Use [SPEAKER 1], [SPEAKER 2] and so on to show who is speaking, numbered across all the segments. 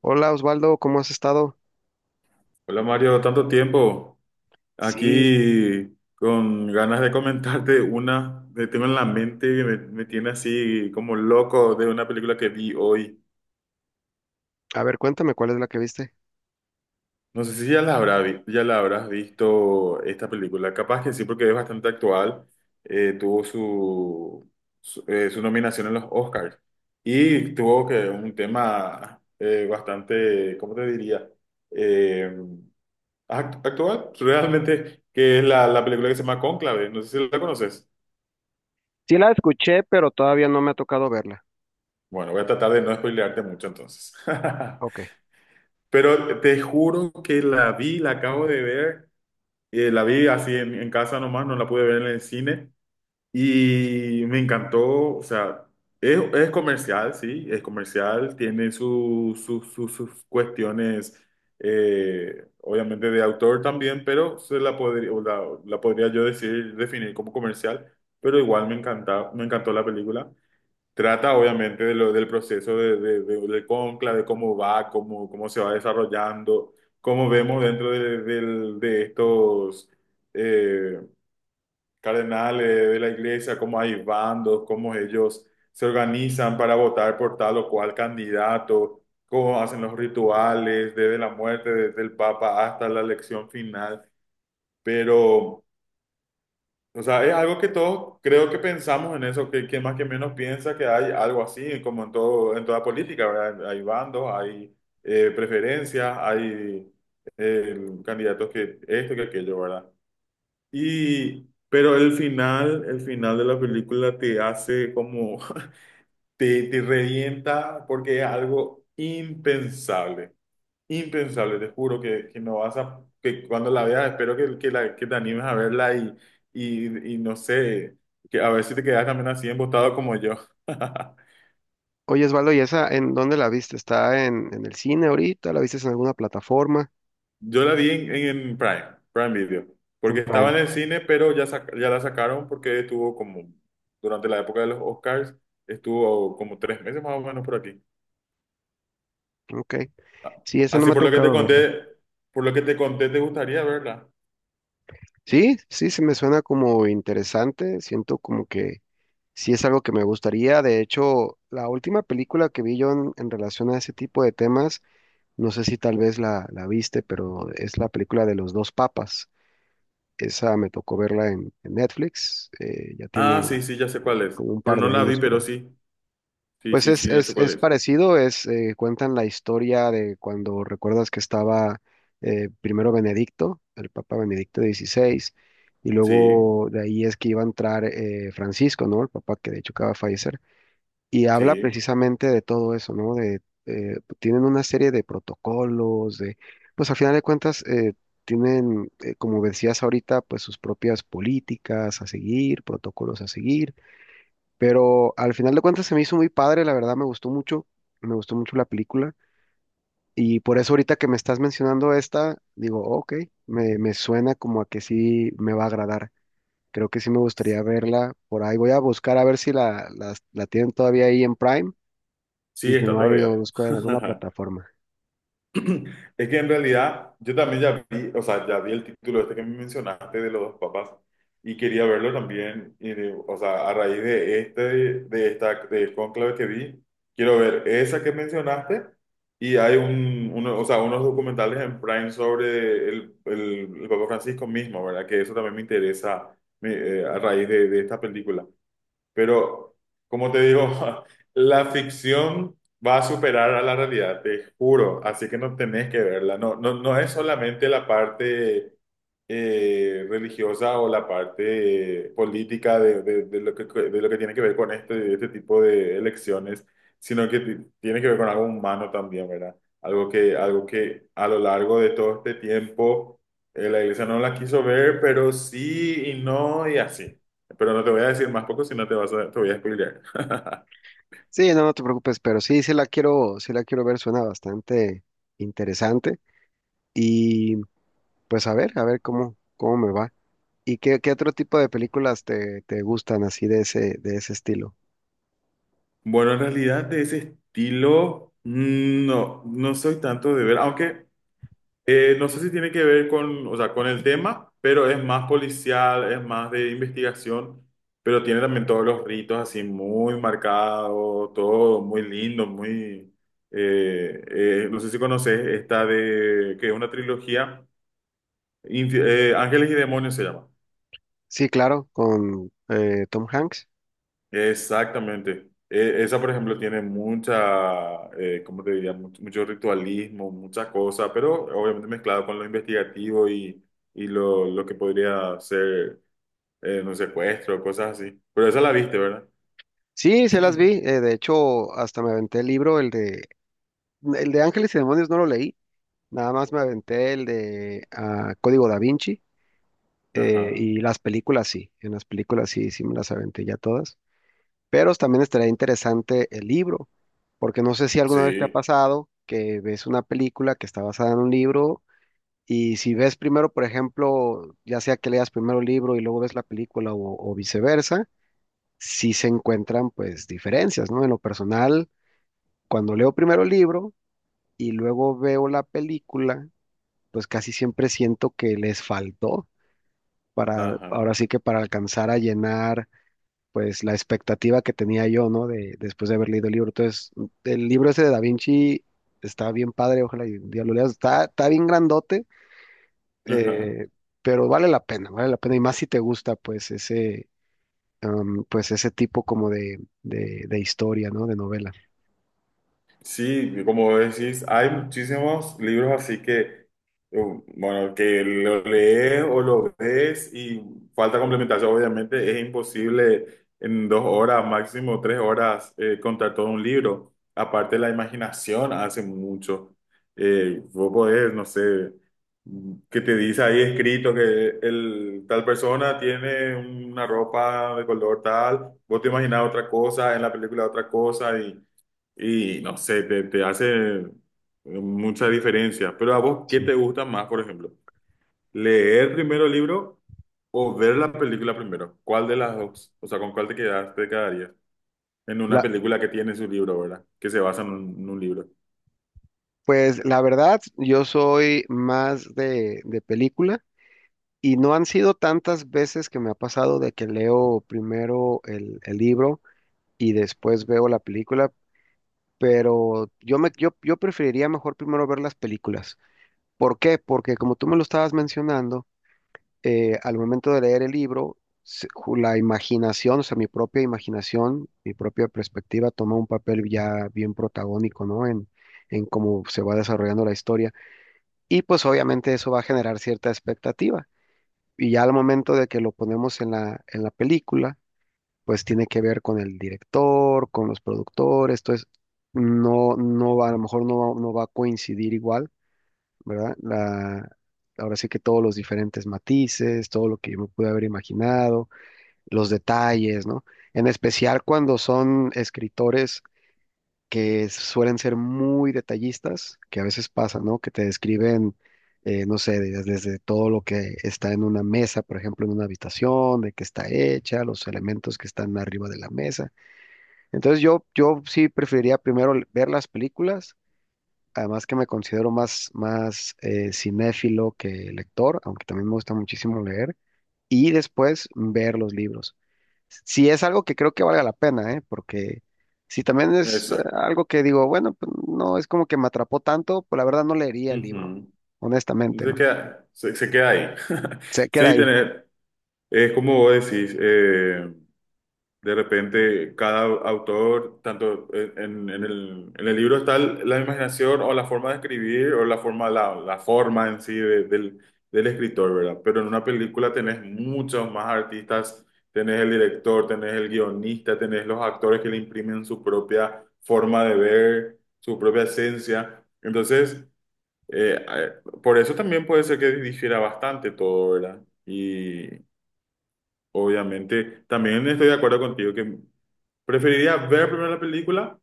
[SPEAKER 1] Hola Osvaldo, ¿cómo has estado?
[SPEAKER 2] Hola Mario, tanto tiempo.
[SPEAKER 1] Sí,
[SPEAKER 2] Aquí con ganas de comentarte una que tengo en la mente que me tiene así como loco de una película que vi hoy.
[SPEAKER 1] a ver, cuéntame cuál es la que viste.
[SPEAKER 2] No sé si ya ya la habrás visto esta película. Capaz que sí, porque es bastante actual. Tuvo su nominación en los Oscars y tuvo que un tema bastante, ¿cómo te diría? Eh, Actual, realmente, que es la película que se llama Cónclave, no sé si la conoces.
[SPEAKER 1] Sí la escuché, pero todavía no me ha tocado verla.
[SPEAKER 2] Bueno, voy a tratar de no spoilearte mucho entonces.
[SPEAKER 1] Ok.
[SPEAKER 2] Pero te juro que la vi, la acabo de ver, la vi así en casa nomás, no la pude ver en el cine. Y me encantó, o sea, es comercial, sí, es comercial, tiene sus cuestiones, obviamente de autor también, pero se la podría, o la podría yo decir, definir como comercial, pero igual me encanta, me encantó la película. Trata obviamente de lo, del proceso del cónclave, de cómo va, cómo se va desarrollando, cómo vemos dentro de estos... eh, cardenales de la iglesia, cómo hay bandos, cómo ellos se organizan para votar por tal o cual candidato, cómo hacen los rituales desde la muerte, desde el Papa hasta la elección final. Pero, o sea, es algo que todos creo que pensamos en eso, que más que menos piensa que hay algo así, como en todo, en toda política, ¿verdad? Hay bandos, hay preferencias, hay candidatos que esto, que aquello, ¿verdad? Y, pero el final de la película te hace como, te revienta porque es algo impensable, impensable, te juro que no vas a, que cuando la veas, espero que te animes a verla y no sé, que a ver si te quedas también así embotado como yo.
[SPEAKER 1] Oye Osvaldo, ¿y esa en dónde la viste? ¿Está en el cine ahorita? ¿La viste en alguna plataforma?
[SPEAKER 2] Yo la vi en Prime, Prime Video,
[SPEAKER 1] En
[SPEAKER 2] porque estaba
[SPEAKER 1] Prime.
[SPEAKER 2] en el cine, pero ya, ya la sacaron porque estuvo como, durante la época de los Oscars, estuvo como tres meses más o menos por aquí.
[SPEAKER 1] Ok.
[SPEAKER 2] Ah.
[SPEAKER 1] Sí, esa no
[SPEAKER 2] Así
[SPEAKER 1] me ha
[SPEAKER 2] por lo que te
[SPEAKER 1] tocado verla.
[SPEAKER 2] conté, por lo que te conté, ¿te gustaría verla?
[SPEAKER 1] Sí, sí, se me suena como interesante. Siento como que sí es algo que me gustaría. De hecho, la última película que vi yo en relación a ese tipo de temas, no sé si tal vez la viste, pero es la película de los dos papas. Esa me tocó verla en Netflix, ya
[SPEAKER 2] Ah, sí,
[SPEAKER 1] tiene
[SPEAKER 2] sí, ya sé cuál es,
[SPEAKER 1] como un
[SPEAKER 2] pero
[SPEAKER 1] par
[SPEAKER 2] no
[SPEAKER 1] de
[SPEAKER 2] la vi,
[SPEAKER 1] años, creo.
[SPEAKER 2] pero sí, sí,
[SPEAKER 1] Pues
[SPEAKER 2] sí,
[SPEAKER 1] es,
[SPEAKER 2] sí, ya sé
[SPEAKER 1] es,
[SPEAKER 2] cuál
[SPEAKER 1] es
[SPEAKER 2] es.
[SPEAKER 1] parecido, es, cuentan la historia de cuando recuerdas que estaba primero Benedicto, el Papa Benedicto XVI, y
[SPEAKER 2] Sí,
[SPEAKER 1] luego de ahí es que iba a entrar Francisco, ¿no? El Papa que de hecho acaba de fallecer. Y habla
[SPEAKER 2] sí,
[SPEAKER 1] precisamente de todo eso, ¿no? De, tienen una serie de protocolos, de, pues al final de cuentas, tienen, como decías ahorita, pues sus propias políticas a seguir, protocolos a seguir, pero al final de cuentas se me hizo muy padre, la verdad me gustó mucho la película, y por eso ahorita que me estás mencionando esta, digo, ok, me suena como a que sí me va a agradar. Creo que sí me gustaría verla por ahí. Voy a buscar a ver si la tienen todavía ahí en Prime y
[SPEAKER 2] sí,
[SPEAKER 1] si
[SPEAKER 2] está
[SPEAKER 1] no hay, lo
[SPEAKER 2] todavía.
[SPEAKER 1] busco en alguna plataforma.
[SPEAKER 2] Es que en realidad yo también ya vi, o sea, ya vi el título este que me mencionaste de los dos papas y quería verlo también, o sea, a raíz de este, del cónclave que vi, quiero ver esa que mencionaste y hay o sea, unos documentales en Prime sobre el Papa Francisco mismo, ¿verdad? Que eso también me interesa me- a raíz de esta película. Pero, como te digo, la ficción va a superar a la realidad, te juro. Así que no tenés que verla. No, no, no es solamente la parte religiosa o la parte política de lo que tiene que ver con este, este tipo de elecciones, sino que tiene que ver con algo humano también, ¿verdad? Algo que a lo largo de todo este tiempo la iglesia no la quiso ver, pero sí y no y así. Pero no te voy a decir más poco si no te vas a, te voy a spoilear.
[SPEAKER 1] Sí, no, no te preocupes, pero sí, sí la quiero ver, suena bastante interesante. Y pues a ver cómo, cómo me va. ¿Y qué, qué otro tipo de películas te gustan así de ese estilo?
[SPEAKER 2] Bueno, en realidad de ese estilo, mm, no, no soy tanto de ver, aunque no sé si tiene que ver con, o sea, con el tema, pero es más policial, es más de investigación, pero tiene también todos los ritos así muy marcados, todo muy lindo, no sé si conoces esta de, que es una trilogía, Ángeles y Demonios se llama.
[SPEAKER 1] Sí, claro, con Tom Hanks.
[SPEAKER 2] Exactamente. Esa, por ejemplo, tiene mucha, ¿cómo te diría? Mucho ritualismo, muchas cosas, pero obviamente mezclado con lo investigativo y lo que podría ser un secuestro, cosas así. Pero esa la viste, ¿verdad?
[SPEAKER 1] Sí, se las vi. De hecho, hasta me aventé el libro, el de Ángeles y Demonios no lo leí. Nada más me aventé el de Código Da Vinci.
[SPEAKER 2] Ajá.
[SPEAKER 1] Y las películas sí, en las películas sí, sí me las aventé ya todas. Pero también estaría interesante el libro, porque no sé si alguna vez te ha
[SPEAKER 2] Sí.
[SPEAKER 1] pasado que ves una película que está basada en un libro y si ves primero, por ejemplo, ya sea que leas primero el libro y luego ves la película o viceversa, sí se encuentran pues diferencias, ¿no? En lo personal, cuando leo primero el libro y luego veo la película, pues casi siempre siento que les faltó para,
[SPEAKER 2] Ajá.
[SPEAKER 1] ahora sí que para alcanzar a llenar pues la expectativa que tenía yo, ¿no? De, después de haber leído el libro. Entonces, el libro ese de Da Vinci está bien padre, ojalá y un día lo leas. Está, está bien grandote,
[SPEAKER 2] Ajá.
[SPEAKER 1] eh, pero vale la pena, vale la pena. Y más si te gusta, pues, ese, pues ese tipo como de historia, ¿no? De novela.
[SPEAKER 2] Sí, como decís, hay muchísimos libros así que, um, bueno, que lo lees o lo ves y falta complementación, obviamente, es imposible en dos horas, máximo tres horas, contar todo un libro. Aparte, la imaginación hace mucho. Vos podés, no sé, que te dice ahí escrito que el, tal persona tiene una ropa de color tal, vos te imaginás otra cosa, en la película otra cosa y... Y no sé, te hace mucha diferencia. Pero a vos, ¿qué
[SPEAKER 1] Sí.
[SPEAKER 2] te gusta más, por ejemplo? ¿Leer primero el libro o ver la película primero? ¿Cuál de las dos? O sea, ¿con cuál te quedas, te quedarías? En una
[SPEAKER 1] La,
[SPEAKER 2] película que tiene su libro, ¿verdad? Que se basa en en un libro.
[SPEAKER 1] pues la verdad, yo soy más de película y no han sido tantas veces que me ha pasado de que leo primero el libro y después veo la película, pero yo preferiría mejor primero ver las películas. ¿Por qué? Porque como tú me lo estabas mencionando, al momento de leer el libro, la imaginación, o sea, mi propia imaginación, mi propia perspectiva toma un papel ya bien protagónico, ¿no? En cómo se va desarrollando la historia. Y pues obviamente eso va a generar cierta expectativa. Y ya al momento de que lo ponemos en la película, pues tiene que ver con el director, con los productores, entonces no, no va, a lo mejor no va a coincidir igual, ¿verdad? La, ahora sí que todos los diferentes matices, todo lo que yo me pude haber imaginado, los detalles, ¿no? En especial cuando son escritores que suelen ser muy detallistas, que a veces pasa, ¿no? Que te describen no sé, desde todo lo que está en una mesa, por ejemplo, en una habitación, de qué está hecha, los elementos que están arriba de la mesa. Entonces yo sí preferiría primero ver las películas, además que me considero más, más cinéfilo que lector, aunque también me gusta muchísimo leer, y después ver los libros. Si es algo que creo que valga la pena, ¿eh? Porque si también es
[SPEAKER 2] Exacto.
[SPEAKER 1] algo que digo, bueno, pues no es como que me atrapó tanto, pues la verdad no leería el libro,
[SPEAKER 2] Ujú.
[SPEAKER 1] honestamente,
[SPEAKER 2] Se
[SPEAKER 1] ¿no?
[SPEAKER 2] queda, se, se queda ahí.
[SPEAKER 1] Se queda
[SPEAKER 2] Sí,
[SPEAKER 1] ahí.
[SPEAKER 2] tener, es como vos decís, de repente, cada autor, tanto en, en el libro está la imaginación o la forma de escribir o la forma en sí del, del escritor, ¿verdad? Pero en una película tenés muchos más artistas, tenés el director, tenés el guionista, tenés los actores que le imprimen su propia forma de ver, su propia esencia. Entonces, eh, eh, por eso también puede ser que difiera bastante todo, ¿verdad? Obviamente, también estoy de acuerdo contigo que preferiría ver primero la película.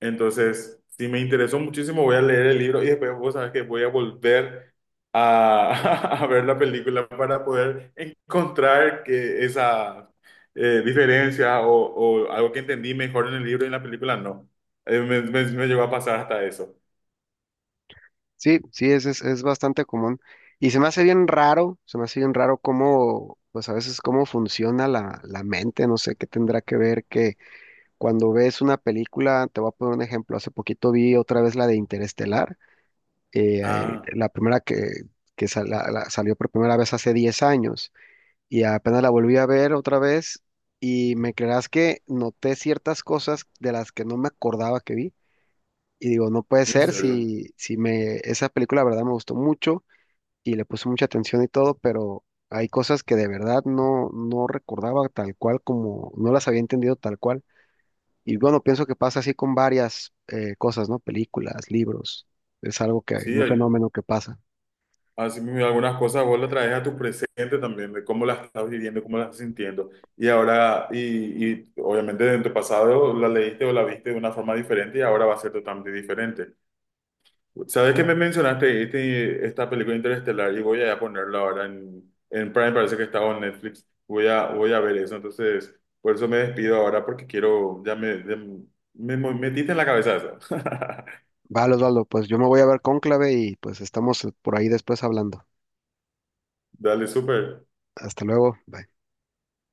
[SPEAKER 2] Entonces, si me interesó muchísimo, voy a leer el libro y después vos sabes que voy a volver a, a ver la película para poder encontrar que esa diferencia o algo que entendí mejor en el libro y en la película no. Me llegó a pasar hasta eso.
[SPEAKER 1] Sí, sí, es bastante común. Y se me hace bien raro, se me hace bien raro cómo, pues a veces cómo funciona la, la mente, no sé qué tendrá que ver que cuando ves una película, te voy a poner un ejemplo, hace poquito vi otra vez la de Interestelar,
[SPEAKER 2] Ah,
[SPEAKER 1] la primera que salió por primera vez hace 10 años, y apenas la volví a ver otra vez, y me creerás que noté ciertas cosas de las que no me acordaba que vi. Y digo, no puede
[SPEAKER 2] en
[SPEAKER 1] ser
[SPEAKER 2] serio.
[SPEAKER 1] si, si me, esa película, la verdad, me gustó mucho y le puse mucha atención y todo, pero hay cosas que de verdad no, no recordaba tal cual como, no las había entendido tal cual. Y bueno, pienso que pasa así con varias cosas, ¿no? Películas, libros, es algo que,
[SPEAKER 2] Sí,
[SPEAKER 1] un
[SPEAKER 2] hay-
[SPEAKER 1] fenómeno que pasa.
[SPEAKER 2] Así mismo, algunas cosas vos las traes a tu presente también, de cómo las estás viviendo, cómo las estás sintiendo. Y ahora, y obviamente en tu pasado la leíste o la viste de una forma diferente y ahora va a ser totalmente diferente. ¿Sabes que me mencionaste este, esta película Interestelar? Y voy a ponerla ahora en Prime, parece que estaba en Netflix. Voy a, voy a ver eso. Entonces, por eso me despido ahora porque quiero, ya me metiste en la cabeza eso.
[SPEAKER 1] Vale, Osvaldo, pues yo me voy a ver Cónclave y pues estamos por ahí después hablando.
[SPEAKER 2] Dale, súper.
[SPEAKER 1] Hasta luego. Bye.